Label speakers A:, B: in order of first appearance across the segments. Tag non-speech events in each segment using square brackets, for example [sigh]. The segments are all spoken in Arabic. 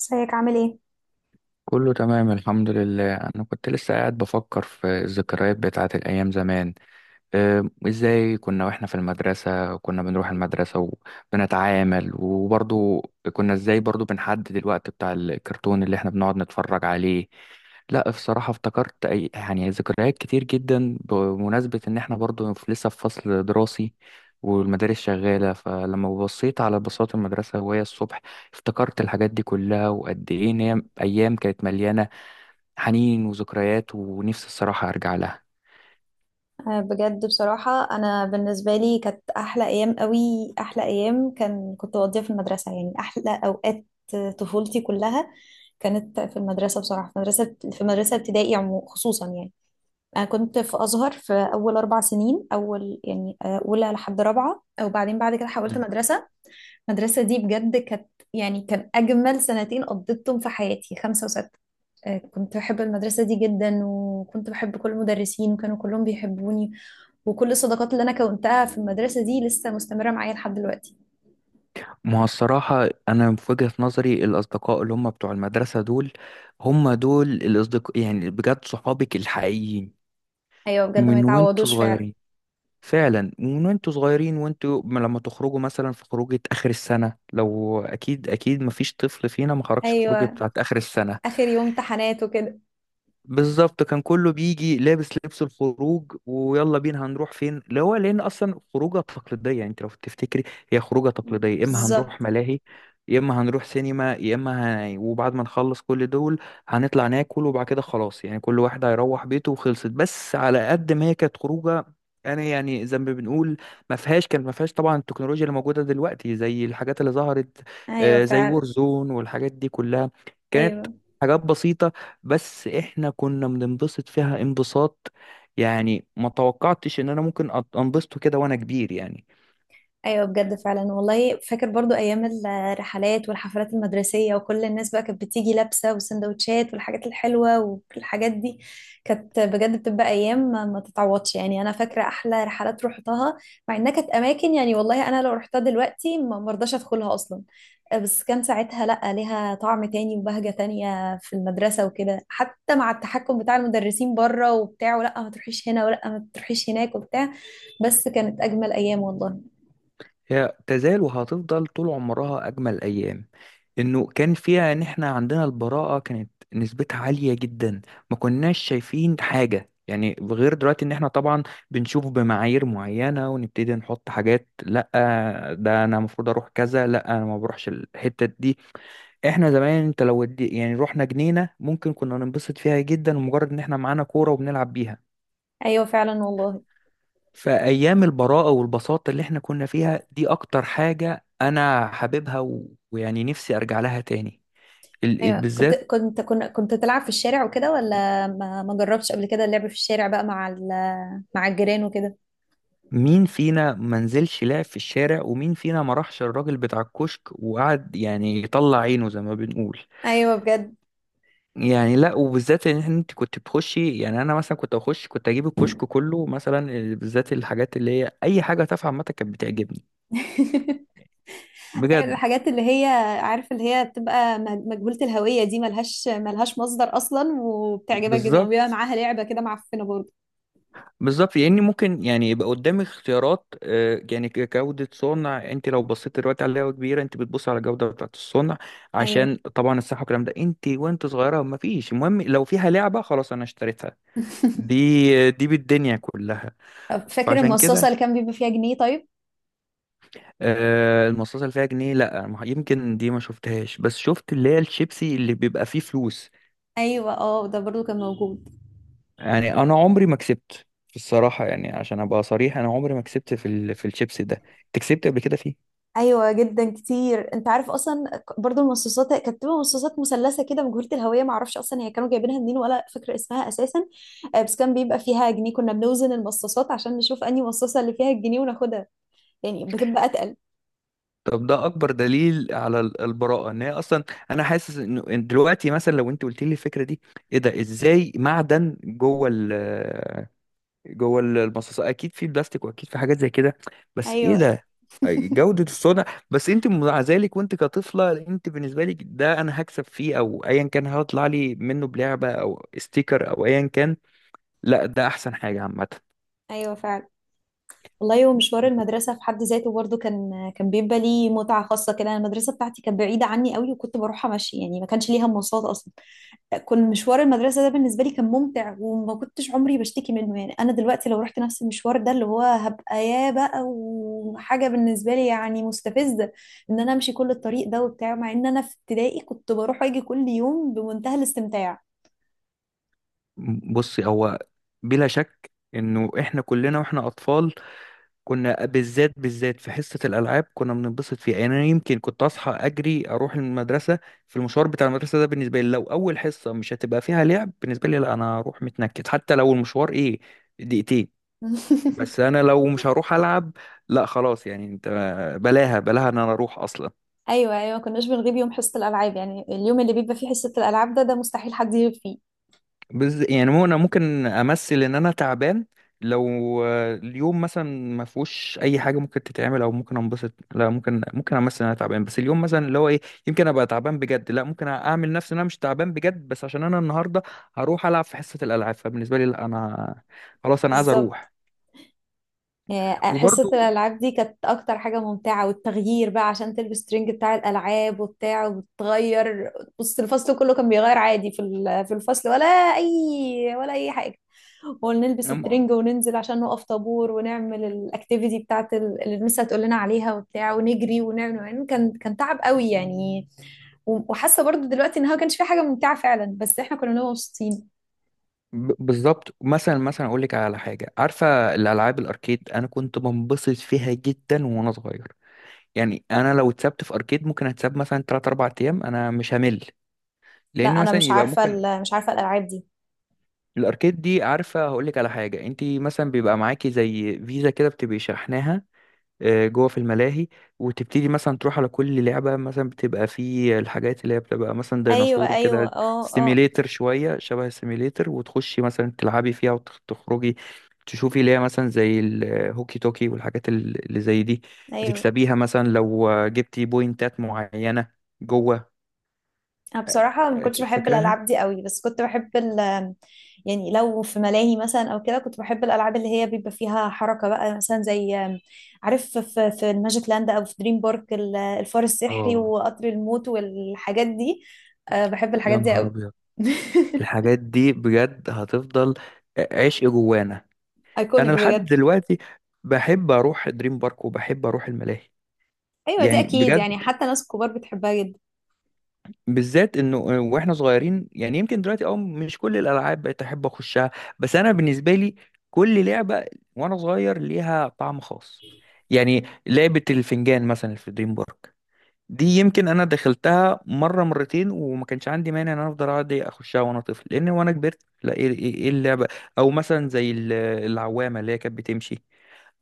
A: ازيك عامل ايه؟
B: كله تمام الحمد لله، انا كنت لسه قاعد بفكر في الذكريات بتاعت الايام زمان. ازاي كنا واحنا في المدرسة، كنا بنروح المدرسة وبنتعامل، وبرضو كنا ازاي برضو بنحدد الوقت بتاع الكرتون اللي احنا بنقعد نتفرج عليه. لا، بصراحة افتكرت أي يعني ذكريات كتير جدا بمناسبة إن إحنا برضو لسه في فصل دراسي والمدارس شغالة، فلما بصيت على بساط المدرسة وهي الصبح افتكرت الحاجات دي كلها، وقد إيه إن هي أيام كانت مليانة حنين وذكريات، ونفسي الصراحة أرجع لها.
A: آه، بجد بصراحة أنا بالنسبة لي كانت أحلى أيام قوي. أحلى أيام كنت بقضيها في المدرسة، يعني أحلى أوقات طفولتي كلها كانت في المدرسة بصراحة. في مدرسة ابتدائي خصوصا يعني. أنا كنت في أزهر في أول 4 سنين، أول يعني أولى لحد رابعة، وبعدين بعد كده حولت مدرسة. المدرسة دي بجد كان أجمل سنتين قضيتهم في حياتي، 5 و6. آه، كنت بحب المدرسة دي جدا، وكنت بحب كل المدرسين وكانوا كلهم بيحبوني، وكل الصداقات اللي أنا كونتها في المدرسة دي لسه مستمرة معايا لحد دلوقتي.
B: ما هو الصراحة أنا في وجهة نظري الأصدقاء اللي هم بتوع المدرسة دول هم دول الأصدقاء، يعني بجد صحابك الحقيقيين
A: أيوة، بجد ما
B: من وانتوا
A: يتعوضوش فعلا.
B: صغيرين. فعلا من وانتوا صغيرين وانتوا لما تخرجوا مثلا في خروجة آخر السنة، لو أكيد أكيد مفيش طفل فينا ما خرجش في خروجة
A: أيوة،
B: بتاعت آخر السنة.
A: آخر يوم امتحانات وكده.
B: بالظبط، كان كله بيجي لابس لبس الخروج ويلا بينا هنروح فين، اللي هو لان اصلا خروجه تقليديه، يعني انت لو تفتكري هي خروجه تقليديه، يا اما هنروح
A: بالظبط.
B: ملاهي، يا اما هنروح سينما، وبعد ما نخلص كل دول هنطلع ناكل، وبعد كده خلاص يعني كل واحد هيروح بيته وخلصت. بس على قد ما هي كانت خروجه، انا يعني زي ما بنقول ما فيهاش طبعا التكنولوجيا اللي موجوده دلوقتي، زي الحاجات اللي ظهرت
A: أيوة
B: زي
A: فعلا.
B: وورزون والحاجات دي كلها. كانت
A: أيوة.
B: حاجات بسيطة بس احنا كنا بننبسط فيها انبساط، يعني ما توقعتش ان انا ممكن انبسطه كده وانا كبير يعني.
A: ايوه بجد فعلا والله، فاكر برضو ايام الرحلات والحفلات المدرسيه، وكل الناس بقى كانت بتيجي لابسه وسندوتشات والحاجات الحلوه والحاجات دي. كانت بجد بتبقى ايام ما تتعوضش يعني. انا فاكره احلى رحلات روحتها، مع انها كانت اماكن يعني والله انا لو رحتها دلوقتي ما مرضاش ادخلها اصلا. آه، بس كان ساعتها لا، ليها طعم تاني وبهجه تانية في المدرسه وكده، حتى مع التحكم بتاع المدرسين بره وبتاع، ولا ما تروحيش هنا ولا ما تروحيش هناك وبتاع. بس كانت اجمل ايام والله.
B: هي تزال وهتفضل طول عمرها اجمل ايام، انه كان فيها ان احنا عندنا البراءة كانت نسبتها عالية جدا، ما كناش شايفين حاجة يعني غير دلوقتي ان احنا طبعا بنشوف بمعايير معينة ونبتدي نحط حاجات. لا، ده انا المفروض اروح كذا، لا انا ما بروحش الحتة دي. احنا زمان انت لو ودي يعني رحنا جنينة ممكن كنا ننبسط فيها جدا، ومجرد ان احنا معانا كورة وبنلعب بيها.
A: ايوه فعلا والله.
B: فايام البراءة والبساطة اللي احنا كنا فيها دي اكتر حاجة انا حاببها، ويعني نفسي ارجع لها تاني،
A: ايوه، كنت
B: بالذات.
A: كنت كنت, كنت تلعب في الشارع وكده؟ ولا ما جربتش قبل كده اللعب في الشارع بقى مع الجيران وكده؟
B: مين فينا ما نزلش لعب في الشارع، ومين فينا ما راحش الراجل بتاع الكشك وقعد يعني يطلع عينه زي ما بنقول.
A: ايوه بجد.
B: يعني لا، وبالذات ان انت كنت بتخشي، يعني انا مثلا كنت اخش كنت اجيب الكشك كله مثلا. بالذات الحاجات اللي هي اي حاجه تافهه عامه كانت بتعجبني
A: [laughs] أيوة،
B: بجد.
A: الحاجات اللي هي، عارف اللي هي بتبقى مجهولة الهوية دي، ملهاش مصدر اصلا وبتعجبك جدا، وبيبقى
B: بالظبط
A: معاها لعبة كده معفنة برضه.
B: بالظبط، لاني ممكن يعني يبقى قدامي اختيارات، يعني جوده صنع. انت لو بصيت دلوقتي على لعبه كبيره انت بتبص على الجوده بتاعت الصنع،
A: ايوه.
B: عشان طبعا الصحه والكلام ده. انت وانت صغيره ما فيش، المهم لو فيها لعبه خلاص انا اشتريتها،
A: [laughs]
B: دي بالدنيا كلها.
A: طب فاكر
B: فعشان كده
A: المصاصة اللي كان بيبقى فيها جنيه طيب؟
B: المصاصه اللي فيها جنيه لا يمكن دي ما شفتهاش، بس شفت اللي هي الشيبسي اللي بيبقى فيه فلوس.
A: ايوه، اه، ده برضه كان موجود.
B: يعني انا عمري ما كسبت في الصراحه، يعني عشان ابقى صريح انا عمري ما كسبت في الشيبس ده. انت كسبت قبل كده فيه؟
A: ايوه جدا كتير. انت عارف اصلا، برضو المصاصات كانت بتبقى مصاصات مثلثه كده مجهوله الهويه، ما اعرفش اصلا هي كانوا جايبينها منين، ولا فاكره اسمها اساسا. آه، بس كان بيبقى فيها جنيه، كنا بنوزن المصاصات عشان نشوف انهي مصاصه اللي فيها الجنيه وناخدها، يعني بتبقى اتقل.
B: طب ده اكبر دليل على البراءه ان هي اصلا. انا حاسس انه إن دلوقتي مثلا لو انت قلت لي الفكره دي، ايه ده، ازاي معدن المصاصات، اكيد في بلاستيك واكيد في حاجات زي كده، بس ايه
A: ايوه.
B: ده،
A: [laughs]
B: جوده الصنع. بس انت مع ذلك وانت كطفله، انت بالنسبه لك ده انا هكسب فيه او ايا كان هطلع لي منه بلعبه او ستيكر او ايا كان، لا ده احسن حاجة عامة.
A: ايوه فعلا والله. ومشوار المدرسه في حد ذاته برضو كان بيبقى ليه متعه خاصه كده. أنا المدرسه بتاعتي كانت بعيده عني قوي، وكنت بروحها ماشي يعني، ما كانش ليها مواصلات اصلا. كان مشوار المدرسة ده بالنسبة لي كان ممتع، وما كنتش عمري بشتكي منه يعني. أنا دلوقتي لو رحت نفس المشوار ده، اللي هو هبقى يا بقى وحاجة بالنسبة لي يعني مستفزة إن أنا أمشي كل الطريق ده وبتاع، مع إن أنا في ابتدائي كنت بروح وأجي كل يوم بمنتهى الاستمتاع.
B: بصي، هو بلا شك انه احنا كلنا واحنا اطفال كنا بالذات بالذات في حصة الالعاب كنا بننبسط فيها. يعني انا يمكن كنت اصحى اجري اروح المدرسة، في المشوار بتاع المدرسة ده بالنسبة لي لو اول حصة مش هتبقى فيها لعب بالنسبة لي لا، انا هروح متنكد حتى لو المشوار ايه، دقيقتين. بس
A: [laughs]
B: انا لو مش هروح العب، لا خلاص يعني انت، بلاها بلاها ان انا اروح اصلا.
A: أيوه أيوه، ما كناش بنغيب يوم حصة الألعاب يعني. اليوم اللي بيبقى فيه حصة الألعاب ده مستحيل حد يغيب فيه.
B: يعني مو انا ممكن امثل ان انا تعبان، لو اليوم مثلا ما فيهوش اي حاجه ممكن تتعمل او ممكن انبسط، لا ممكن امثل ان انا تعبان. بس اليوم مثلا اللي هو ايه، يمكن ابقى تعبان بجد، لا ممكن اعمل نفسي ان انا مش تعبان بجد، بس عشان انا النهارده هروح العب في حصه الالعاب، فبالنسبه لي لا انا، خلاص انا عايز
A: بالظبط.
B: اروح.
A: آه، حصة
B: وبرضو
A: الألعاب دي كانت أكتر حاجة ممتعة، والتغيير بقى عشان تلبس ترنج بتاع الألعاب وبتاع وبتغير. بص الفصل كله كان بيغير عادي في الفصل، أي ولا أي حاجة. ونلبس
B: أم-
A: الترنج وننزل عشان نقف طابور ونعمل الأكتيفيتي اللي المس هتقول لنا عليها وبتاع، ونجري ونعمل، يعني كان كان تعب قوي يعني. و- وحاسة برضو دلوقتي إنها ما كانش في حاجة ممتعة فعلا، بس إحنا كنا بنبقى مبسوطين.
B: بالظبط. مثلا اقول لك على حاجه، عارفه الالعاب الاركيد؟ انا كنت بنبسط فيها جدا وانا صغير، يعني انا لو اتسبت في اركيد ممكن اتساب مثلا 3 4 ايام انا مش همل.
A: لا
B: لان
A: أنا
B: مثلا
A: مش
B: يبقى
A: عارفة
B: ممكن،
A: مش عارفة الألعاب دي.
B: الاركيد دي عارفه هقول لك على حاجه، انت مثلا بيبقى معاكي زي فيزا كده بتبقي شحناها جوه في الملاهي، وتبتدي مثلا تروح على كل لعبة مثلا، بتبقى في الحاجات اللي هي بتبقى مثلا
A: ايوه
B: ديناصور
A: ايوه،
B: كده،
A: اه اه.
B: سيميليتر شوية، شبه السيميليتر، وتخشي مثلا تلعبي فيها وتخرجي، تشوفي اللي هي مثلا زي الهوكي توكي والحاجات اللي زي دي،
A: ايوه.
B: بتكسبيها مثلا لو جبتي بوينتات معينة جوه.
A: أنا بصراحة ما كنتش
B: أكيد
A: بحب
B: فاكراها.
A: الألعاب دي قوي، بس كنت بحب يعني لو في ملاهي مثلا أو كده، كنت بحب الألعاب اللي هي بيبقى فيها حركة بقى، مثلا زي، عارف، في الماجيك لاند أو في دريم بارك، ال- الفار السحري
B: اه،
A: وقطر الموت والحاجات دي. أه بحب الحاجات
B: يا
A: دي
B: نهار
A: قوي.
B: أبيض.
A: [laughs]
B: الحاجات دي بجد هتفضل عشق جوانا.
A: ايكونيك
B: انا لحد
A: بجد.
B: دلوقتي بحب اروح دريم بارك وبحب اروح الملاهي،
A: أيوة دي
B: يعني
A: أكيد
B: بجد،
A: يعني، حتى ناس كبار بتحبها جدا.
B: بالذات انه واحنا صغيرين. يعني يمكن دلوقتي اه مش كل الالعاب بقيت احب اخشها، بس انا بالنسبه لي كل لعبه وانا صغير ليها طعم خاص. يعني لعبه الفنجان مثلا في دريم بارك، دي يمكن انا دخلتها مره مرتين وما كانش عندي مانع ان انا افضل اقعد اخشها وانا طفل، لان وانا كبرت لا، ايه إيه اللعبه، او مثلا زي العوامه اللي هي كانت بتمشي،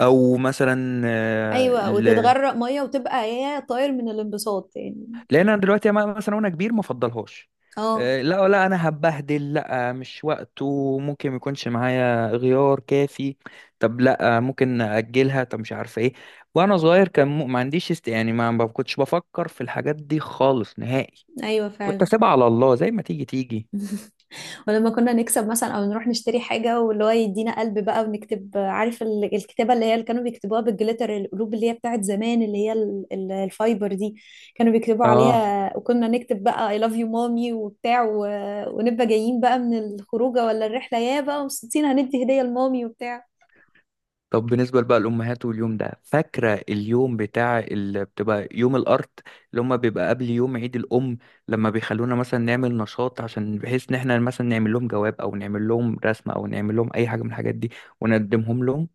B: او مثلا
A: أيوة، وتتغرق مية وتبقى هي طاير من الانبساط يعني.
B: لان انا دلوقتي مثلا وانا كبير ما افضلهاش.
A: اه.
B: لا لا انا هبهدل، لا مش وقته، ممكن ما يكونش معايا غيار كافي، طب لا ممكن اجلها، طب مش عارفه ايه. وانا صغير كان ما عنديش است، يعني ما كنتش بفكر في الحاجات دي خالص نهائي،
A: أيوة
B: كنت
A: فعلا.
B: اسيبها على الله زي ما تيجي تيجي.
A: [laughs] ولما كنا نكسب مثلا او نروح نشتري حاجه، واللي هو يدينا قلب بقى ونكتب، عارف، الكتابه اللي هي اللي كانوا بيكتبوها بالجليتر، القلوب اللي هي بتاعت زمان اللي هي الفايبر دي، كانوا بيكتبوا
B: اه
A: عليها، وكنا نكتب بقى I love you mommy وبتاع، و... ونبقى جايين بقى من الخروجه ولا الرحله، يا بقى مبسوطين هندي هديه لمامي وبتاع.
B: طب بالنسبة بقى للأمهات، واليوم ده فاكرة اليوم بتاع اللي بتبقى يوم الأرض اللي هما بيبقى قبل يوم عيد الأم، لما بيخلونا مثلا نعمل نشاط عشان بحيث إن إحنا مثلا نعمل لهم جواب أو نعمل لهم رسمة أو نعمل لهم أي حاجة من الحاجات دي ونقدمهم لهم.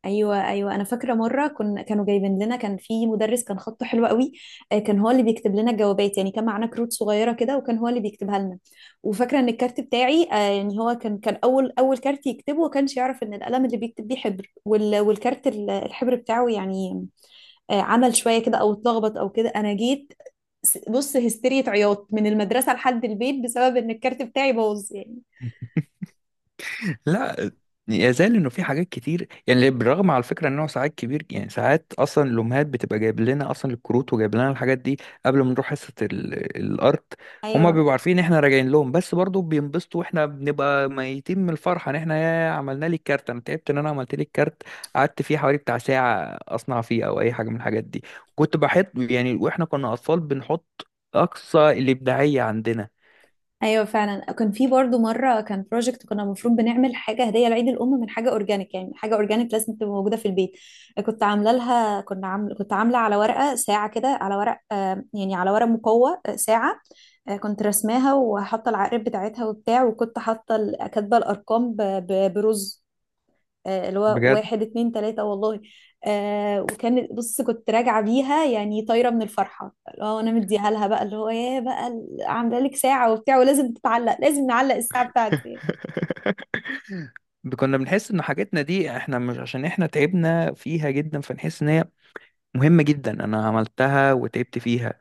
A: ايوه ايوه، انا فاكره مره كانوا جايبين لنا، كان في مدرس كان خطه حلو قوي. آه، كان هو اللي بيكتب لنا الجوابات يعني، كان معانا كروت صغيره كده، وكان هو اللي بيكتبها لنا. وفاكره ان الكارت بتاعي، يعني هو كان اول كارت يكتبه، وكانش يعرف ان القلم اللي بيكتب بيه حبر، والكارت، الحبر بتاعه يعني عمل شويه كده او اتلخبط او كده. انا جيت بص هستيرية عياط من المدرسه لحد البيت، بسبب ان الكارت بتاعي باظ يعني.
B: لا يزال انه في حاجات كتير يعني، بالرغم على فكره انه ساعات كبير، يعني ساعات اصلا الامهات بتبقى جايب لنا اصلا الكروت وجايب لنا الحاجات دي قبل ما نروح حصه الارت، هما
A: ايوه.
B: بيبقوا عارفين احنا راجعين لهم، بس برضو بينبسطوا واحنا بنبقى ميتين من الفرحه ان احنا يا عملنا لي الكارت، انا تعبت ان انا عملت لي الكارت، قعدت فيه حوالي بتاع ساعه اصنع فيه او اي حاجه من الحاجات دي. كنت بحط يعني، واحنا كنا اطفال بنحط اقصى الابداعيه عندنا.
A: ايوه فعلا، كان في برضو مره كان بروجكت، كنا المفروض بنعمل حاجه هديه لعيد الام من حاجه اورجانيك، يعني حاجه اورجانيك لازم تبقى موجوده في البيت. كنت عامله لها كنا عامل كنت عامله على ورقه ساعه كده، على ورق، يعني على ورق مقوى، ساعه. كنت رسماها وحاطه العقارب بتاعتها وبتاع، وكنت حاطه كاتبه الارقام برز، اللي هو
B: بجد.
A: 1 2 3 والله. وكان، بص، كنت راجعة بيها يعني طايرة من الفرحة، اللي هو أنا مديها لها بقى، اللي هو يا بقى، ال- عاملة لك ساعة وبتاع، ولازم تتعلق، لازم نعلق الساعة بتاعتي.
B: [laughs] كنا بنحس ان حاجاتنا دي احنا مش عشان احنا تعبنا فيها جدا فنحس ان هي مهمة جدا، انا عملتها وتعبت فيها.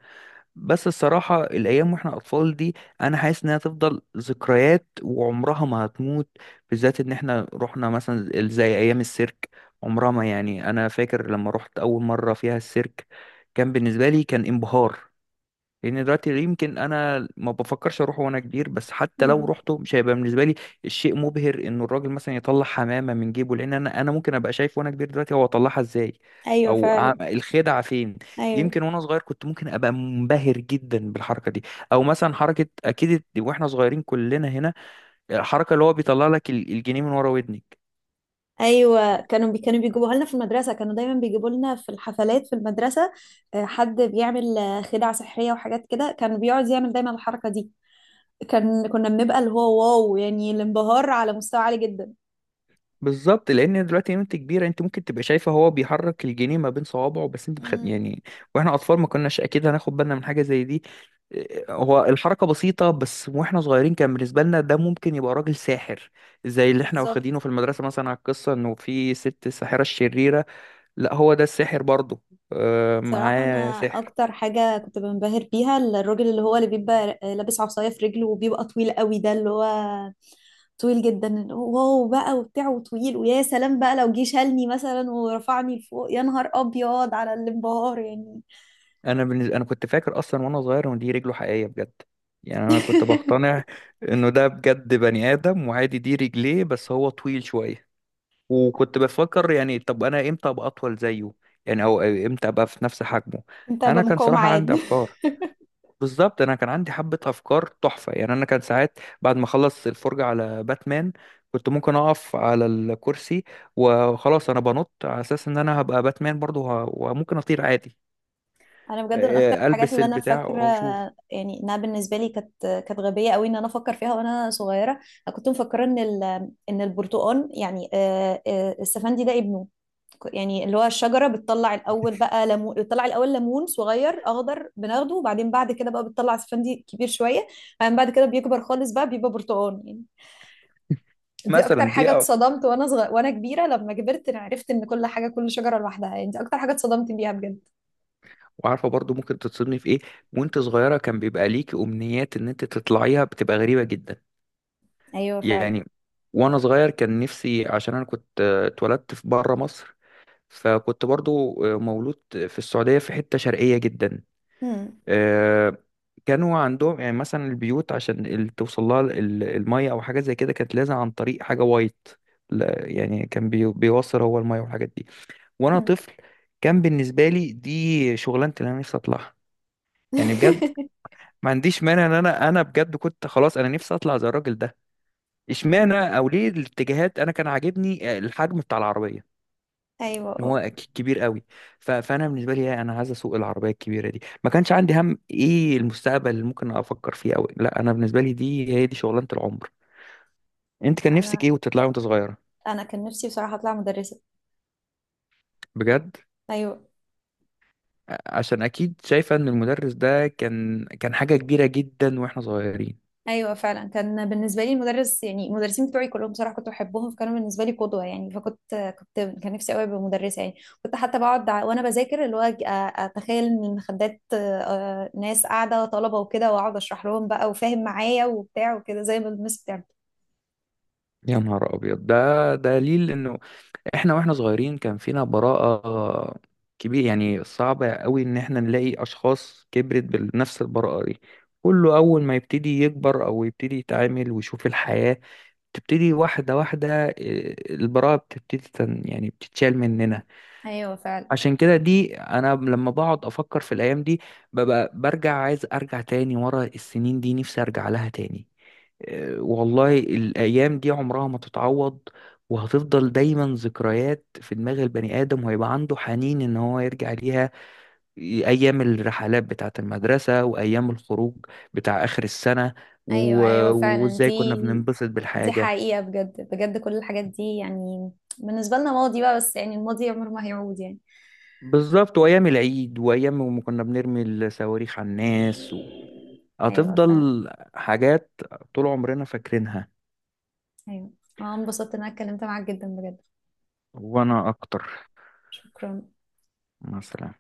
B: بس الصراحة الايام واحنا اطفال دي، انا حاسس انها تفضل ذكريات وعمرها ما هتموت، بالذات ان احنا رحنا مثلا زي ايام السيرك، عمرها ما، يعني انا فاكر لما رحت اول مرة فيها السيرك كان بالنسبة لي كان انبهار. لان دلوقتي يمكن انا ما بفكرش اروحه وانا كبير، بس حتى لو
A: مم.
B: رحته مش هيبقى بالنسبه لي الشيء مبهر انه الراجل مثلا يطلع حمامه من جيبه، لان انا ممكن ابقى شايف وانا كبير دلوقتي هو طلعها ازاي،
A: أيوة
B: او
A: فعلا.
B: الخدعه فين.
A: أيوة
B: يمكن وانا صغير كنت ممكن ابقى منبهر جدا بالحركه دي، او مثلا حركه اكيد واحنا صغيرين كلنا هنا، الحركه اللي هو بيطلع لك الجنيه من ورا ودنك.
A: أيوة، كانوا بيجيبوها لنا في المدرسة، كانوا دايما بيجيبوا لنا في الحفلات في المدرسة. آه، حد بيعمل خدع سحرية وحاجات كده، كان بيقعد يعمل دايما الحركة دي، كان كنا بنبقى اللي هو واو يعني، الانبهار على مستوى عالي جدا.
B: بالظبط، لان دلوقتي وانت كبيره انت ممكن تبقى شايفه هو بيحرك الجنيه ما بين صوابعه، بس انت
A: مم.
B: يعني واحنا اطفال ما كناش اكيد هناخد بالنا من حاجه زي دي. هو الحركه بسيطه، بس واحنا صغيرين كان بالنسبه لنا ده ممكن يبقى راجل ساحر، زي اللي احنا واخدينه
A: بالظبط.
B: في المدرسه مثلا على القصه انه في ست الساحره الشريره، لا هو ده الساحر برضه،
A: صراحة أنا
B: معاه سحر.
A: أكتر حاجة كنت بنبهر بيها الراجل اللي هو اللي بيبقى لابس عصاية في رجله وبيبقى طويل قوي، ده اللي هو طويل جدا، واو بقى وبتاع، وطويل، ويا سلام بقى لو جه شالني مثلا ورفعني لفوق، يا نهار أبيض على الانبهار يعني.
B: انا كنت فاكر اصلا وانا صغير ان دي رجله حقيقيه بجد، يعني انا كنت
A: [laughs]
B: بقتنع انه ده بجد بني ادم وعادي دي رجليه بس هو طويل شويه، وكنت بفكر يعني طب انا امتى ابقى اطول زيه، يعني او امتى ابقى في نفس حجمه.
A: انت
B: انا كان
A: بمقاوم
B: صراحة
A: عاد.
B: عندي
A: [laughs]
B: افكار، بالظبط انا كان عندي حبة افكار تحفة. يعني انا كان ساعات بعد ما اخلص الفرجة على باتمان كنت ممكن اقف على الكرسي، وخلاص انا بنط على اساس ان انا هبقى باتمان برضه، وممكن اطير عادي.
A: انا بجد من اكتر الحاجات
B: البس
A: اللي انا
B: البتاع
A: فاكره،
B: واشوف.
A: يعني انها بالنسبه لي كانت، كانت غبيه قوي ان انا افكر فيها وانا صغيره. انا كنت مفكره ان البرتقال يعني السفندي ده ابنه، يعني اللي هو الشجرة بتطلع الأول بقى ليمون، بتطلع الأول ليمون صغير أخضر بناخده، وبعدين بعد كده بقى بتطلع اسفندي كبير شوية، بعدين بعد كده بيكبر خالص بقى بيبقى برتقال يعني. دي أكتر
B: مثلا
A: حاجة اتصدمت وأنا صغير، وأنا كبيرة لما كبرت أنا عرفت إن كل حاجة، كل شجرة لوحدها يعني، دي أكتر حاجة اتصدمت بيها بجد.
B: وعارفة برضه ممكن تتصدمي في ايه وانت صغيرة، كان بيبقى ليكي امنيات ان انت تطلعيها بتبقى غريبة جدا
A: أيوه فعلا.
B: يعني. وانا صغير كان نفسي، عشان انا كنت اتولدت في بره مصر، فكنت برضو مولود في السعودية في حتة شرقية جدا.
A: هم.
B: آه، كانوا عندهم يعني مثلا البيوت عشان توصل لها المية او حاجة زي كده كانت لازم عن طريق حاجة وايت. لا، يعني كان بيوصل هو المية والحاجات دي. وانا
A: هم.
B: طفل كان بالنسبة لي دي شغلانة اللي انا نفسي اطلعها. يعني بجد
A: [laughs]
B: ما عنديش مانع ان انا بجد كنت خلاص انا نفسي اطلع زي الراجل ده، اشمعنى او ليه الاتجاهات. انا كان عاجبني الحجم بتاع العربيه،
A: أيوه
B: إن
A: أه.
B: هو كبير قوي، فانا بالنسبه لي لا، انا عايز اسوق العربيه الكبيره دي. ما كانش عندي هم ايه المستقبل اللي ممكن افكر فيه او لا، انا بالنسبه لي دي هي دي شغلانه العمر. انت كان نفسك
A: أنا
B: ايه وتطلعي وانت صغيره؟
A: أنا كان نفسي بصراحة أطلع مدرسة.
B: بجد؟
A: أيوه.
B: عشان اكيد شايفه ان المدرس ده كان حاجه كبيره جدا واحنا صغيرين.
A: ايوه فعلا، كان بالنسبه لي المدرس يعني المدرسين بتوعي كلهم بصراحه كنت بحبهم، فكانوا بالنسبه لي قدوه يعني، فكنت كان نفسي قوي ابقى مدرسه يعني. كنت حتى بقعد وانا بذاكر، اللي هو اتخيل ان المخدات ناس قاعده طلبه وكده، واقعد اشرح لهم بقى وفاهم معايا وبتاع وكده، زي ما المس بتعمل.
B: يا نهار ابيض، ده دليل انه احنا واحنا صغيرين كان فينا براءة كبير. يعني صعبة قوي ان احنا نلاقي اشخاص كبرت بنفس البراءة دي، كله اول ما يبتدي يكبر او يبتدي يتعامل ويشوف الحياة تبتدي واحدة واحدة، البراءة بتبتدي يعني بتتشال مننا.
A: ايوه فعلا.
B: عشان كده دي أنا لما بقعد أفكر في الأيام دي ببقى برجع عايز أرجع تاني ورا السنين دي، نفسي أرجع لها تاني. والله الأيام دي عمرها ما تتعوض، وهتفضل دايما ذكريات في دماغ البني آدم، وهيبقى عنده حنين إن هو يرجع ليها، أيام الرحلات بتاعة المدرسة وأيام الخروج بتاع آخر السنة،
A: ايوه ايوه فعلا،
B: وإزاي كنا
A: دي
B: بننبسط
A: دي
B: بالحاجة.
A: حقيقه بجد بجد، كل الحاجات دي يعني بالنسبه لنا ماضي بقى، بس يعني الماضي عمره ما هيعود يعني.
B: بالظبط، وأيام العيد وأيام ما كنا بنرمي الصواريخ على الناس
A: ايوه فعلا.
B: هتفضل حاجات طول عمرنا فاكرينها.
A: ايوه، انا انبسطت ان انا اتكلمت معاك جدا بجد.
B: وأنا أكتر
A: شكرا.
B: مثلا